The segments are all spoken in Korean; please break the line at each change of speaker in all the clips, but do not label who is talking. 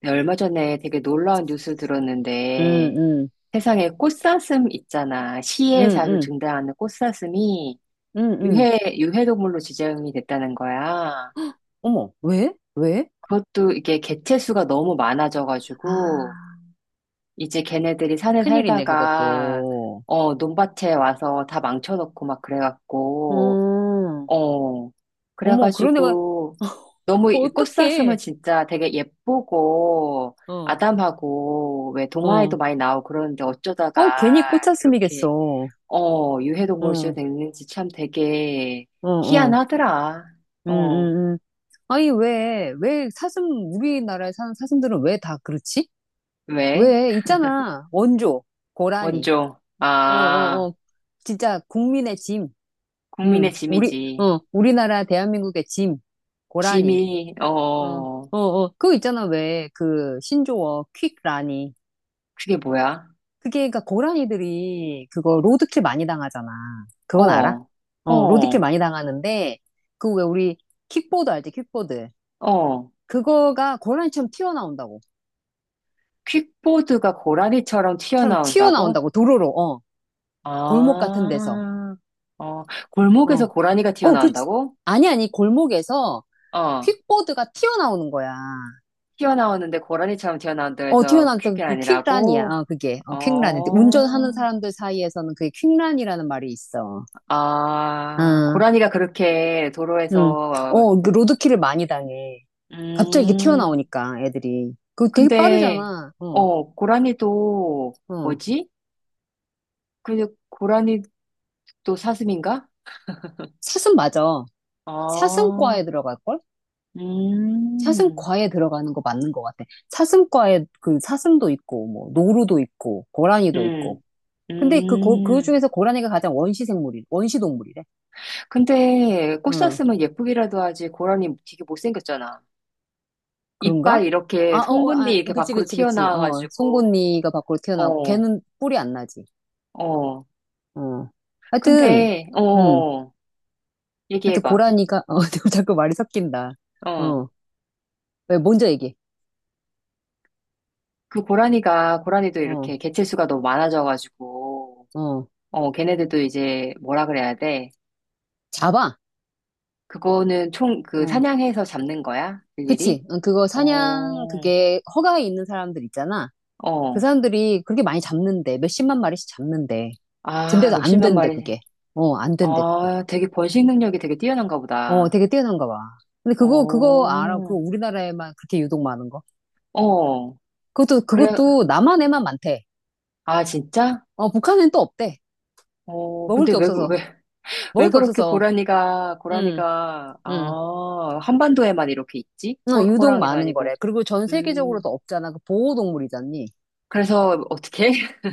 네, 얼마 전에 되게 놀라운 뉴스
음,
들었는데
음,
세상에 꽃사슴 있잖아.
음,
시에 자주
음,
등장하는 꽃사슴이
음, 음.
유해동물로 지정이 됐다는 거야.
어머, 왜? 왜?
그것도 이게 개체수가 너무 많아져가지고
아,
이제 걔네들이 산에
큰일이네,
살다가
그것도.
어, 논밭에 와서 다 망쳐놓고 막 그래갖고
음,
어,
어머, 그런 애가,
그래가지고, 너무
어,
이 꽃사슴은
어떡해.
진짜 되게 예쁘고,
어,
아담하고, 왜 동화에도
어.
많이 나오고 그러는데
어, 괜히
어쩌다가 이렇게,
꽃사슴이겠어.
어, 유해동물로
어,
됐는지 참 되게
어, 어.
희한하더라.
음,
어,
음, 음. 아니, 왜 사슴, 우리나라에 사는 사슴들은 왜 다 그렇지?
왜?
왜, 있잖아. 원조, 고라니.
원조.
어,
아,
어, 어. 진짜 국민의 짐.
국민의
우리,
짐이지.
어, 우리나라 대한민국의 짐. 고라니.
짐이,
어,
어,
어, 어. 그거 있잖아, 왜, 그, 신조어, 퀵라니.
그게 뭐야?
그게, 그니까, 고라니들이, 그거, 로드킬 많이 당하잖아. 그건 알아?
어,
어, 로드킬
어,
많이 당하는데, 그 왜 우리, 킥보드 알지, 킥보드.
어.
그거가 고라니처럼 튀어나온다고.
퀵보드가 고라니처럼
처럼
튀어나온다고?
튀어나온다고, 도로로, 어. 골목 같은 데서.
아, 어, 골목에서
어,
고라니가
어, 그,
튀어나온다고?
아니, 골목에서
어,
퀵보드가 튀어나오는 거야.
튀어나오는데 고라니처럼 튀어나온다고
어, 튀어나
해서
왔때
그게
그 퀵란이야.
아니라고?
어, 그게. 어, 퀵란.
어,
운전하는 사람들 사이에서는 그게 퀵란이라는 말이 있어.
아,
아,
고라니가 그렇게
음,
도로에서,
어, 그 로드킬을 많이 당해. 갑자기 이렇게
음,
튀어나오니까, 애들이. 그거 되게
근데,
빠르잖아. 어,
어, 고라니도,
어.
뭐지? 근데 고라니도 사슴인가?
사슴 맞아.
아,
사슴과에 들어갈걸?
음,
사슴과에 들어가는 거 맞는 것 같아. 사슴과에 그 사슴도 있고, 뭐, 노루도 있고, 고라니도 있고.
음,
근데 그, 고, 그
음.
중에서 고라니가 가장 원시 생물이, 원시 동물이래.
근데 꽃
응,
샀으면 예쁘기라도 하지 고라니 되게 못생겼잖아.
그런가?
이빨
아,
이렇게
어, 어,
송곳니
아,
이렇게
그치,
밖으로
그치, 그치. 어,
튀어나와가지고
송곳니가 밖으로 튀어나오고,
어,
걔는 뿔이 안 나지.
어.
어. 하여튼,
근데
응.
어,
하여튼
얘기해봐.
고라니가 어 내가 자꾸 말이 섞인다.
어.
어. 왜 먼저 얘기해.
그 고라니가 고라니도 이렇게
어.
개체수가 너무 많아져가지고
어.
어, 걔네들도 이제 뭐라 그래야 돼?
잡아.
그거는 총 그
어.
사냥해서 잡는 거야? 일일이?
그치. 어, 그거 사냥
어,
그게 허가에 있는 사람들 있잖아. 그
어.
사람들이 그렇게 많이 잡는데 몇십만 마리씩 잡는데.
아,
근데도 안
몇십만
된대
마리.
그게. 어, 안 된대 그거.
아, 되게 번식 능력이 되게 뛰어난가
어,
보다.
되게 뛰어난가 봐. 근데 그거 알아? 그
어.
우리나라에만 그렇게 유독 많은 거.
어,
그것도
그래,
그것도 남한에만 많대.
아, 진짜?
어, 북한엔 또 없대.
어,
먹을
근데
게
왜, 왜,
없어서.
왜
먹을 게
그렇게
없어서.
고라니가,
음.
고라니가,
음.
아, 한반도에만 이렇게 있지?
어, 유독
호랑이도
많은
아니고.
거래. 그리고 전 세계적으로도
음,
없잖아. 그 보호동물이잖니.
그래서 어떻게?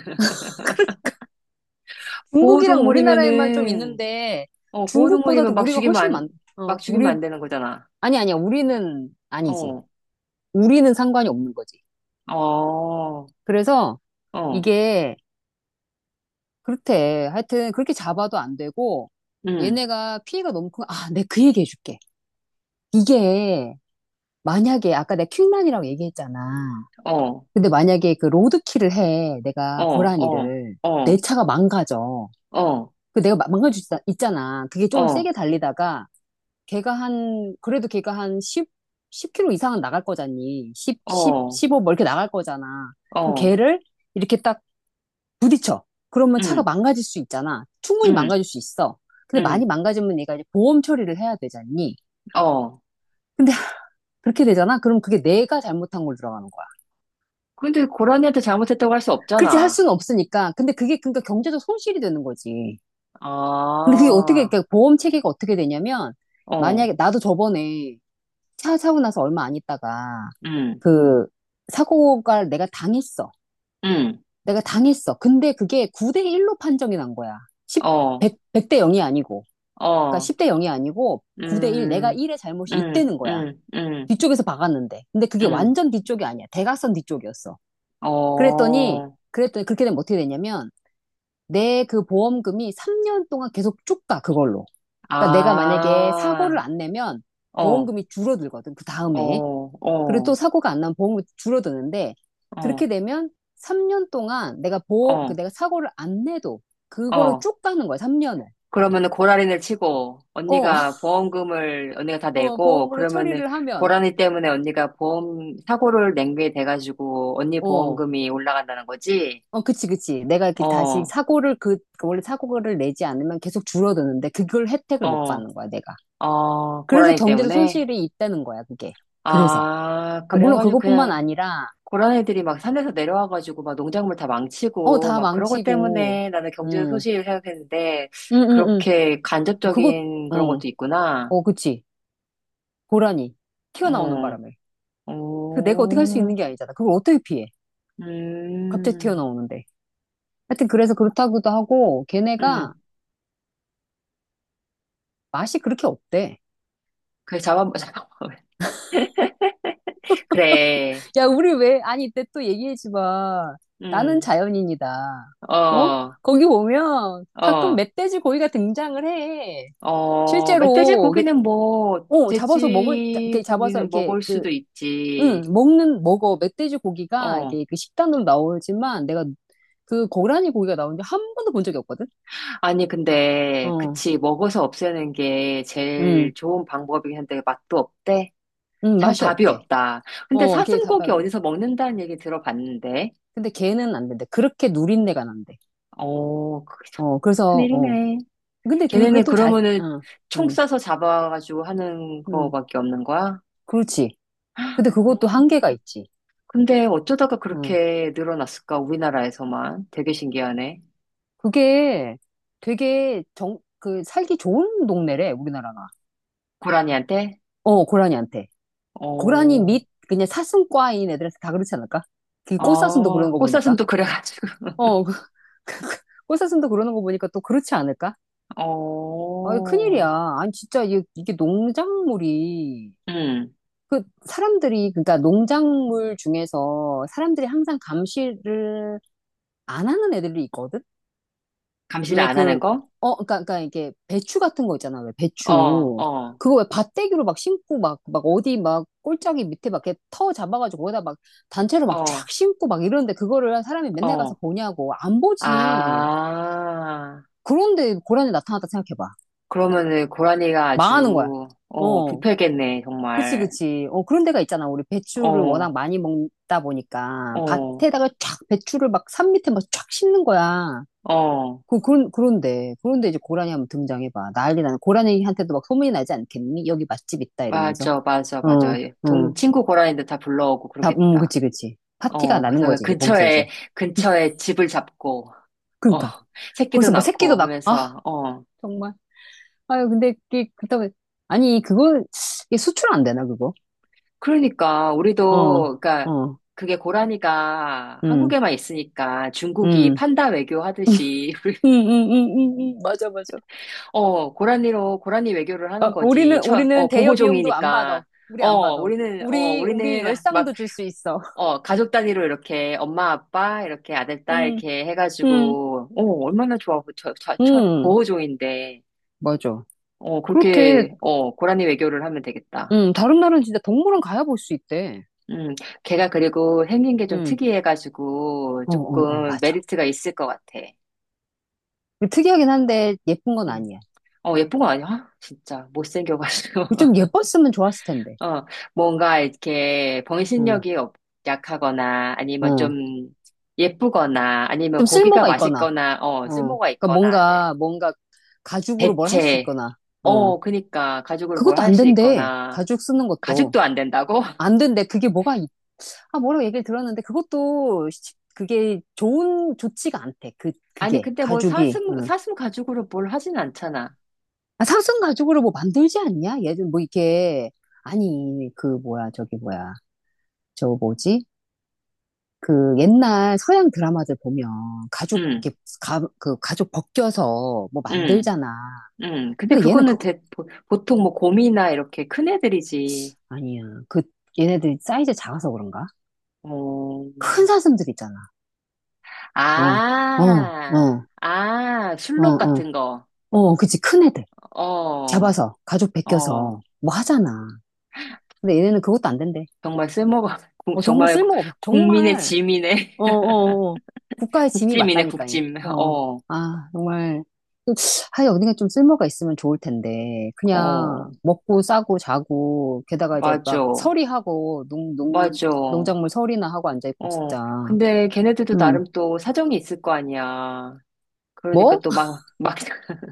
중국이랑 우리나라에만 좀
보호동물이면은,
있는데
보호동물이면
중국보다도 우리가 훨씬 많,
막
어,
죽이면
우리,
안 되는 거잖아.
아니, 아니야. 우리는 아니지.
어,
우리는 상관이 없는 거지.
어,
그래서
어,
이게 그렇대. 하여튼 그렇게 잡아도 안 되고
음,
얘네가 피해가 너무 큰, 아, 내가 그 얘기 해줄게. 이게 만약에 아까 내가 퀵만이라고 얘기했잖아.
어,
근데 만약에 그 로드킬을 해. 내가
어, 어,
고라니를. 내
어,
차가 망가져.
어,
그 내가 막- 망가질 수 있- 있잖아. 그게 좀
어,
세게 달리다가 걔가 한 그래도 걔가 한 10, 10km 이상은 나갈 거잖니. 10, 10,
어,
15 뭐 이렇게 나갈 거잖아. 그럼
어,
걔를 이렇게 딱 부딪혀. 그러면 차가
음,
망가질 수 있잖아. 충분히
음,
망가질 수 있어. 근데 많이
음,
망가지면 얘가 이제 보험 처리를 해야 되잖니.
어.
근데 그렇게 되잖아. 그럼 그게 내가 잘못한 걸 들어가는 거야.
근데 고라니한테 잘못했다고 할 수
그렇지 할
없잖아.
수는 없으니까. 근데 그게 그러니까 경제적 손실이 되는 거지.
아,
근데 그게 어떻게 그러니까 보험 체계가 어떻게 되냐면
어,
만약에 나도 저번에 차 사고 나서 얼마 안 있다가
음,
그 사고가 내가 당했어.
음,
내가 당했어. 근데 그게 9대 1로 판정이 난 거야. 10,
어,
0대 0이 아니고. 그러니까
어,
10대 0이 아니고 9대 1. 내가
음,
1의 잘못이
음,
있다는 거야.
음, 음,
뒤쪽에서 박았는데. 근데 그게
음,
완전 뒤쪽이 아니야. 대각선 뒤쪽이었어. 그랬더니
어,
그랬더니 그렇게 되면 어떻게 되냐면 내 그 보험금이 3년 동안 계속 쭉 가 그걸로. 그러니까 내가 만약에 사고를
아,
안 내면
어,
보험금이 줄어들거든. 그 다음에.
어,
그리고 또
어,
사고가 안 나면 보험이 줄어드는데
어,
그렇게 되면 3년 동안 내가 보험,
어,
그 내가 사고를 안 내도 그거를
어.
쭉 가는 거야, 3년을.
그러면은 고라니를 치고
어,
언니가 보험금을 언니가 다
어,
내고
보험으로
그러면은
처리를 하면,
고라니 때문에 언니가 보험 사고를 낸게 돼가지고 언니
어,
보험금이 올라간다는 거지?
어, 그치, 그치. 내가 이렇게 다시
어,
사고를 그, 그 원래 사고를 내지 않으면 계속 줄어드는데 그걸 혜택을 못
어,
받는 거야, 내가.
어,
그래서
고라니
경제적
때문에?
손실이 있다는 거야, 그게. 그래서.
아,
아, 물론
그래가지고
그것뿐만
그냥
아니라,
고라니들이 막 산에서 내려와가지고 막 농작물 다
어,
망치고
다
막 그런 것
망치고,
때문에 나는 경제
음,
소식을 생각했는데
음, 음, 음.
그렇게
그거,
간접적인 그런
어,
것도 있구나.
어, 그치. 고라니 튀어나오는
어,
바람에 그 내가 어떻게 할 수
오,
있는 게 아니잖아. 그걸 어떻게 피해? 갑자기
음,
튀어나오는데. 하여튼 그래서 그렇다고도 하고 걔네가
음.
맛이 그렇게 없대.
그래, 잡아, 잡아. 그래,
야, 우리 왜 아니 이때 또 얘기하지 마. 나는
음,
자연인이다. 어?
어,
거기 보면 가끔
어,
멧돼지 고기가 등장을 해.
어, 멧돼지
실제로 이게-
고기는 뭐,
어 잡아서 먹을 자-
돼지
이렇게 잡아서
고기는
이렇게
먹을
그
수도
응,
있지.
먹는 먹어 멧돼지 고기가
어.
이렇게 그 식단으로 나오지만 내가 그 고라니 고기가 나오는지 한 번도 본 적이 없거든.
아니, 근데,
어.
그치, 먹어서 없애는 게 제일
음,
좋은 방법이긴 한데, 맛도 없대? 참
맛이
답이
없대.
없다. 근데
어, 걔
사슴고기
닭발이.
어디서 먹는다는 얘기 들어봤는데,
근데 걔는 안 된대. 그렇게 누린내가 난대.
어, 그게 참
어, 그래서, 어.
큰일이네.
근데 그,
걔네는
그것도 잘,
그러면은
어,
총
음,
쏴서 잡아가지고 하는
음,
거밖에 없는 거야?
그렇지. 근데
음.
그것도 한계가 있지.
근데 어쩌다가
어.
그렇게 늘어났을까, 우리나라에서만. 되게 신기하네.
그게 되게 정, 그, 살기 좋은 동네래, 우리나라가.
고라니한테?
어, 고라니한테. 고라니
어,
밑, 그냥 사슴과인 애들한테 다 그렇지 않을까? 그 꽃사슴도 그런
아,
거 보니까.
꽃사슴도 그래가지고.
어, 그- 꽃사슴도 그러는 거 보니까 또 그렇지 않을까? 아 큰일이야.
어.
아니, 진짜, 이게 농작물이
음,
그 사람들이 그러니까 농작물 중에서 사람들이 항상 감시를 안 하는 애들이 있거든.
감시를
왜
안 하는
그
거?
어 그러니까 이게 배추 같은 거 있잖아. 왜 배추
어, 어,
그거 왜 밭대기로 막 심고 막 막 어디 막 꼴짝이 밑에 막 이렇게 터 잡아가지고 거기다 막 단체로 막 쫙
어,
심고 막 이러는데 그거를 사람이 맨날 가서
어.
보냐고 안 보지.
아,
그런데 고란이 나타났다 생각해봐.
그러면은 고라니가
망하는 거야.
아주, 어,
어.
부패겠네,
그치,
정말.
그치. 어, 그런 데가 있잖아. 우리 배추를
어,
워낙 많이 먹다 보니까
어,
밭에다가 쫙 배추를 막 산 밑에 막 쫙 심는 거야.
어.
그, 그런, 그런데, 그런데 이제 고라니 한번 등장해봐. 난리 나는, 고라니한테도 막 소문이 나지 않겠니? 여기 맛집 있다, 이러면서.
맞아, 맞아,
어,
맞아.
어.
친구 고라니들 다 불러오고
다,
그러겠다.
그치, 그치. 파티가
어,
나는
그래서
거지, 이제 거기서 이제.
근처에 집을 잡고, 어,
그니까. 러
새끼도
거기서 뭐 새끼도
낳고
낳고, 아,
하면서, 어
정말. 아유, 근데 이게, 그렇다고, 아니, 그거, 이게 수출 안 되나, 그거?
그러니까
어,
우리도 그러니까
어,
그게 고라니가
음,
한국에만 있으니까 중국이
음.
판다 외교 하듯이
응, 응, 응, 응, 응, 맞아, 맞아.
어 고라니로 고라니 외교를 하는
어,
거지
우리는, 우리는
어
대여 비용도 안 받아.
보호종이니까
우리 안
어
받아.
우리는
우리, 우리
막
열상도 줄 수 있어.
어 가족 단위로 이렇게 엄마 아빠 이렇게 아들 딸
음,
이렇게
음,
해가지고 어 얼마나 좋아 저
음,
보호종인데
맞아.
어
그렇대.
그렇게 어 고라니 외교를 하면 되겠다.
다른 나라는 진짜 동물원 가야 볼 수 있대.
음, 걔가 그리고 생긴 게 좀
음,
특이해가지고
어, 어, 어,
조금
맞아.
메리트가 있을 것 같아.
특이하긴 한데 예쁜 건
음.
아니야.
어, 예쁜 거 아니야? 진짜 못생겨가지고.
좀 예뻤으면 좋았을 텐데.
어, 뭔가 이렇게
어,
병신력이 없- 약하거나 아니면 좀
어.
예쁘거나 아니면
좀
고기가
쓸모가 있거나,
맛있거나 어,
어.
쓸모가
그러니까
있거나 네.
뭔가, 뭔가 가죽으로 뭘 할 수
대체.
있거나, 어.
어, 그니까 가죽으로 뭘
그것도
할
안
수
된대.
있거나
가죽 쓰는 것도.
가죽도 안 된다고?
안 된대. 그게 뭐가 아, 뭐라고 얘기를 들었는데 그것도 시- 그게 좋은 좋지가 않대. 그
아니,
그게
근데 뭐
가죽이. 응.
사슴 가죽으로 뭘 하진 않잖아.
아, 사슴 가죽으로 뭐 만들지 않냐? 예전 뭐 이게 아니 그 뭐야 저기 뭐야 저 뭐지? 그 옛날 서양 드라마들 보면 가죽
음.
이렇게 가, 그 가죽 벗겨서 뭐
음.
만들잖아.
근데
근데 얘는
그거는
그것
보통 뭐 곰이나 이렇게 큰 애들이지.
아니야. 그 얘네들이 사이즈 작아서 그런가?
어,
큰 사슴들 있잖아. 어, 어,
아,
어,
아,
어,
술록
어,
같은 거.
어, 그치 큰 애들.
어,
잡아서 가족
어,
베껴서 뭐 하잖아. 근데 얘네는 그것도 안 된대.
정말 쓸모가,
어, 정말
정말
쓸모없,
국민의
정말,
짐이네.
어, 어, 어. 국가의 짐이
국짐이네,
맞다니까요.
국짐.
어.
어,
아, 정말. 하여 어딘가 좀 쓸모가 있으면 좋을 텐데.
어,
그냥 먹고 싸고 자고, 게다가 이제
맞아,
막 서리하고, 농, 농,
맞아.
농작물 서리나 하고 앉아있고,
어,
진짜.
근데 걔네들도
음.
나름 또 사정이 있을 거 아니야. 그러니까
뭐?
또 막, 막,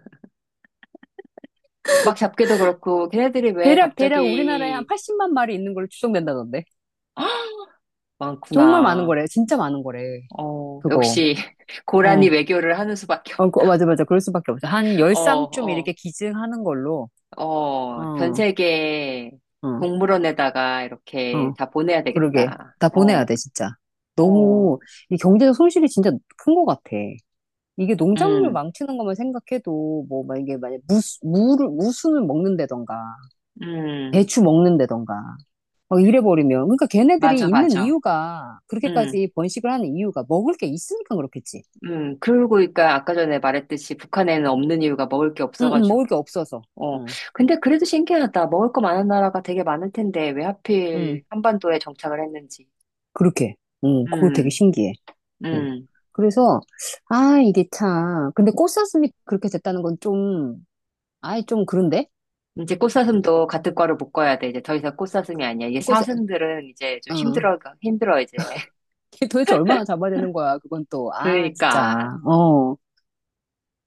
막 잡기도 그렇고, 걔네들이 왜
대략, 대략 우리나라에 한
갑자기
80만 마리 있는 걸로 추정된다던데. 정말 많은
많구나.
거래. 진짜 많은 거래.
어,
그거.
역시 고라니
어.
외교를 하는 수밖에 없.
어, 그- 어, 맞아, 맞아. 그럴 수밖에 없어. 한 열
어,
쌍쯤
어,
이렇게 기증하는 걸로.
어, 전
어,
세계
어,
동물원에다가 이렇게
어.
다 보내야
그러게.
되겠다.
다 보내야
어,
돼, 진짜.
어,
너무, 이 경제적 손실이 진짜 큰 것 같아. 이게 농작물
음,
망치는 것만 생각해도, 뭐, 막 이게 만약 무, 무를, 무순을 먹는다던가,
음,
배추 먹는다던가, 막 이래버리면. 그러니까 걔네들이
맞아,
있는
맞아.
이유가,
음,
그렇게까지 번식을 하는 이유가 먹을 게 있으니까 그렇겠지.
그리고 그러니까 아까 전에 말했듯이 북한에는 없는 이유가 먹을 게
응, 응,
없어가지고.
먹을 게 없어서.
어,
응,
근데 그래도 신기하다. 먹을 거 많은 나라가 되게 많을 텐데 왜
응,
하필 한반도에 정착을 했는지.
그렇게. 응, 그거 되게
음,
신기해. 음.
음.
그래서, 아, 이게 참. 근데 꽃사슴이 그렇게 됐다는 건 좀, 아이, 좀 그런데?
이제 꽃사슴도 같은 과로 묶어야 돼. 이제 더 이상 꽃사슴이 아니야. 이게
꽃사,
사슴들은 이제 좀
어.
힘들어, 힘들어, 이제.
걔 도대체 얼마나 잡아야 되는 거야, 그건 또. 아, 진짜.
그러니까.
어.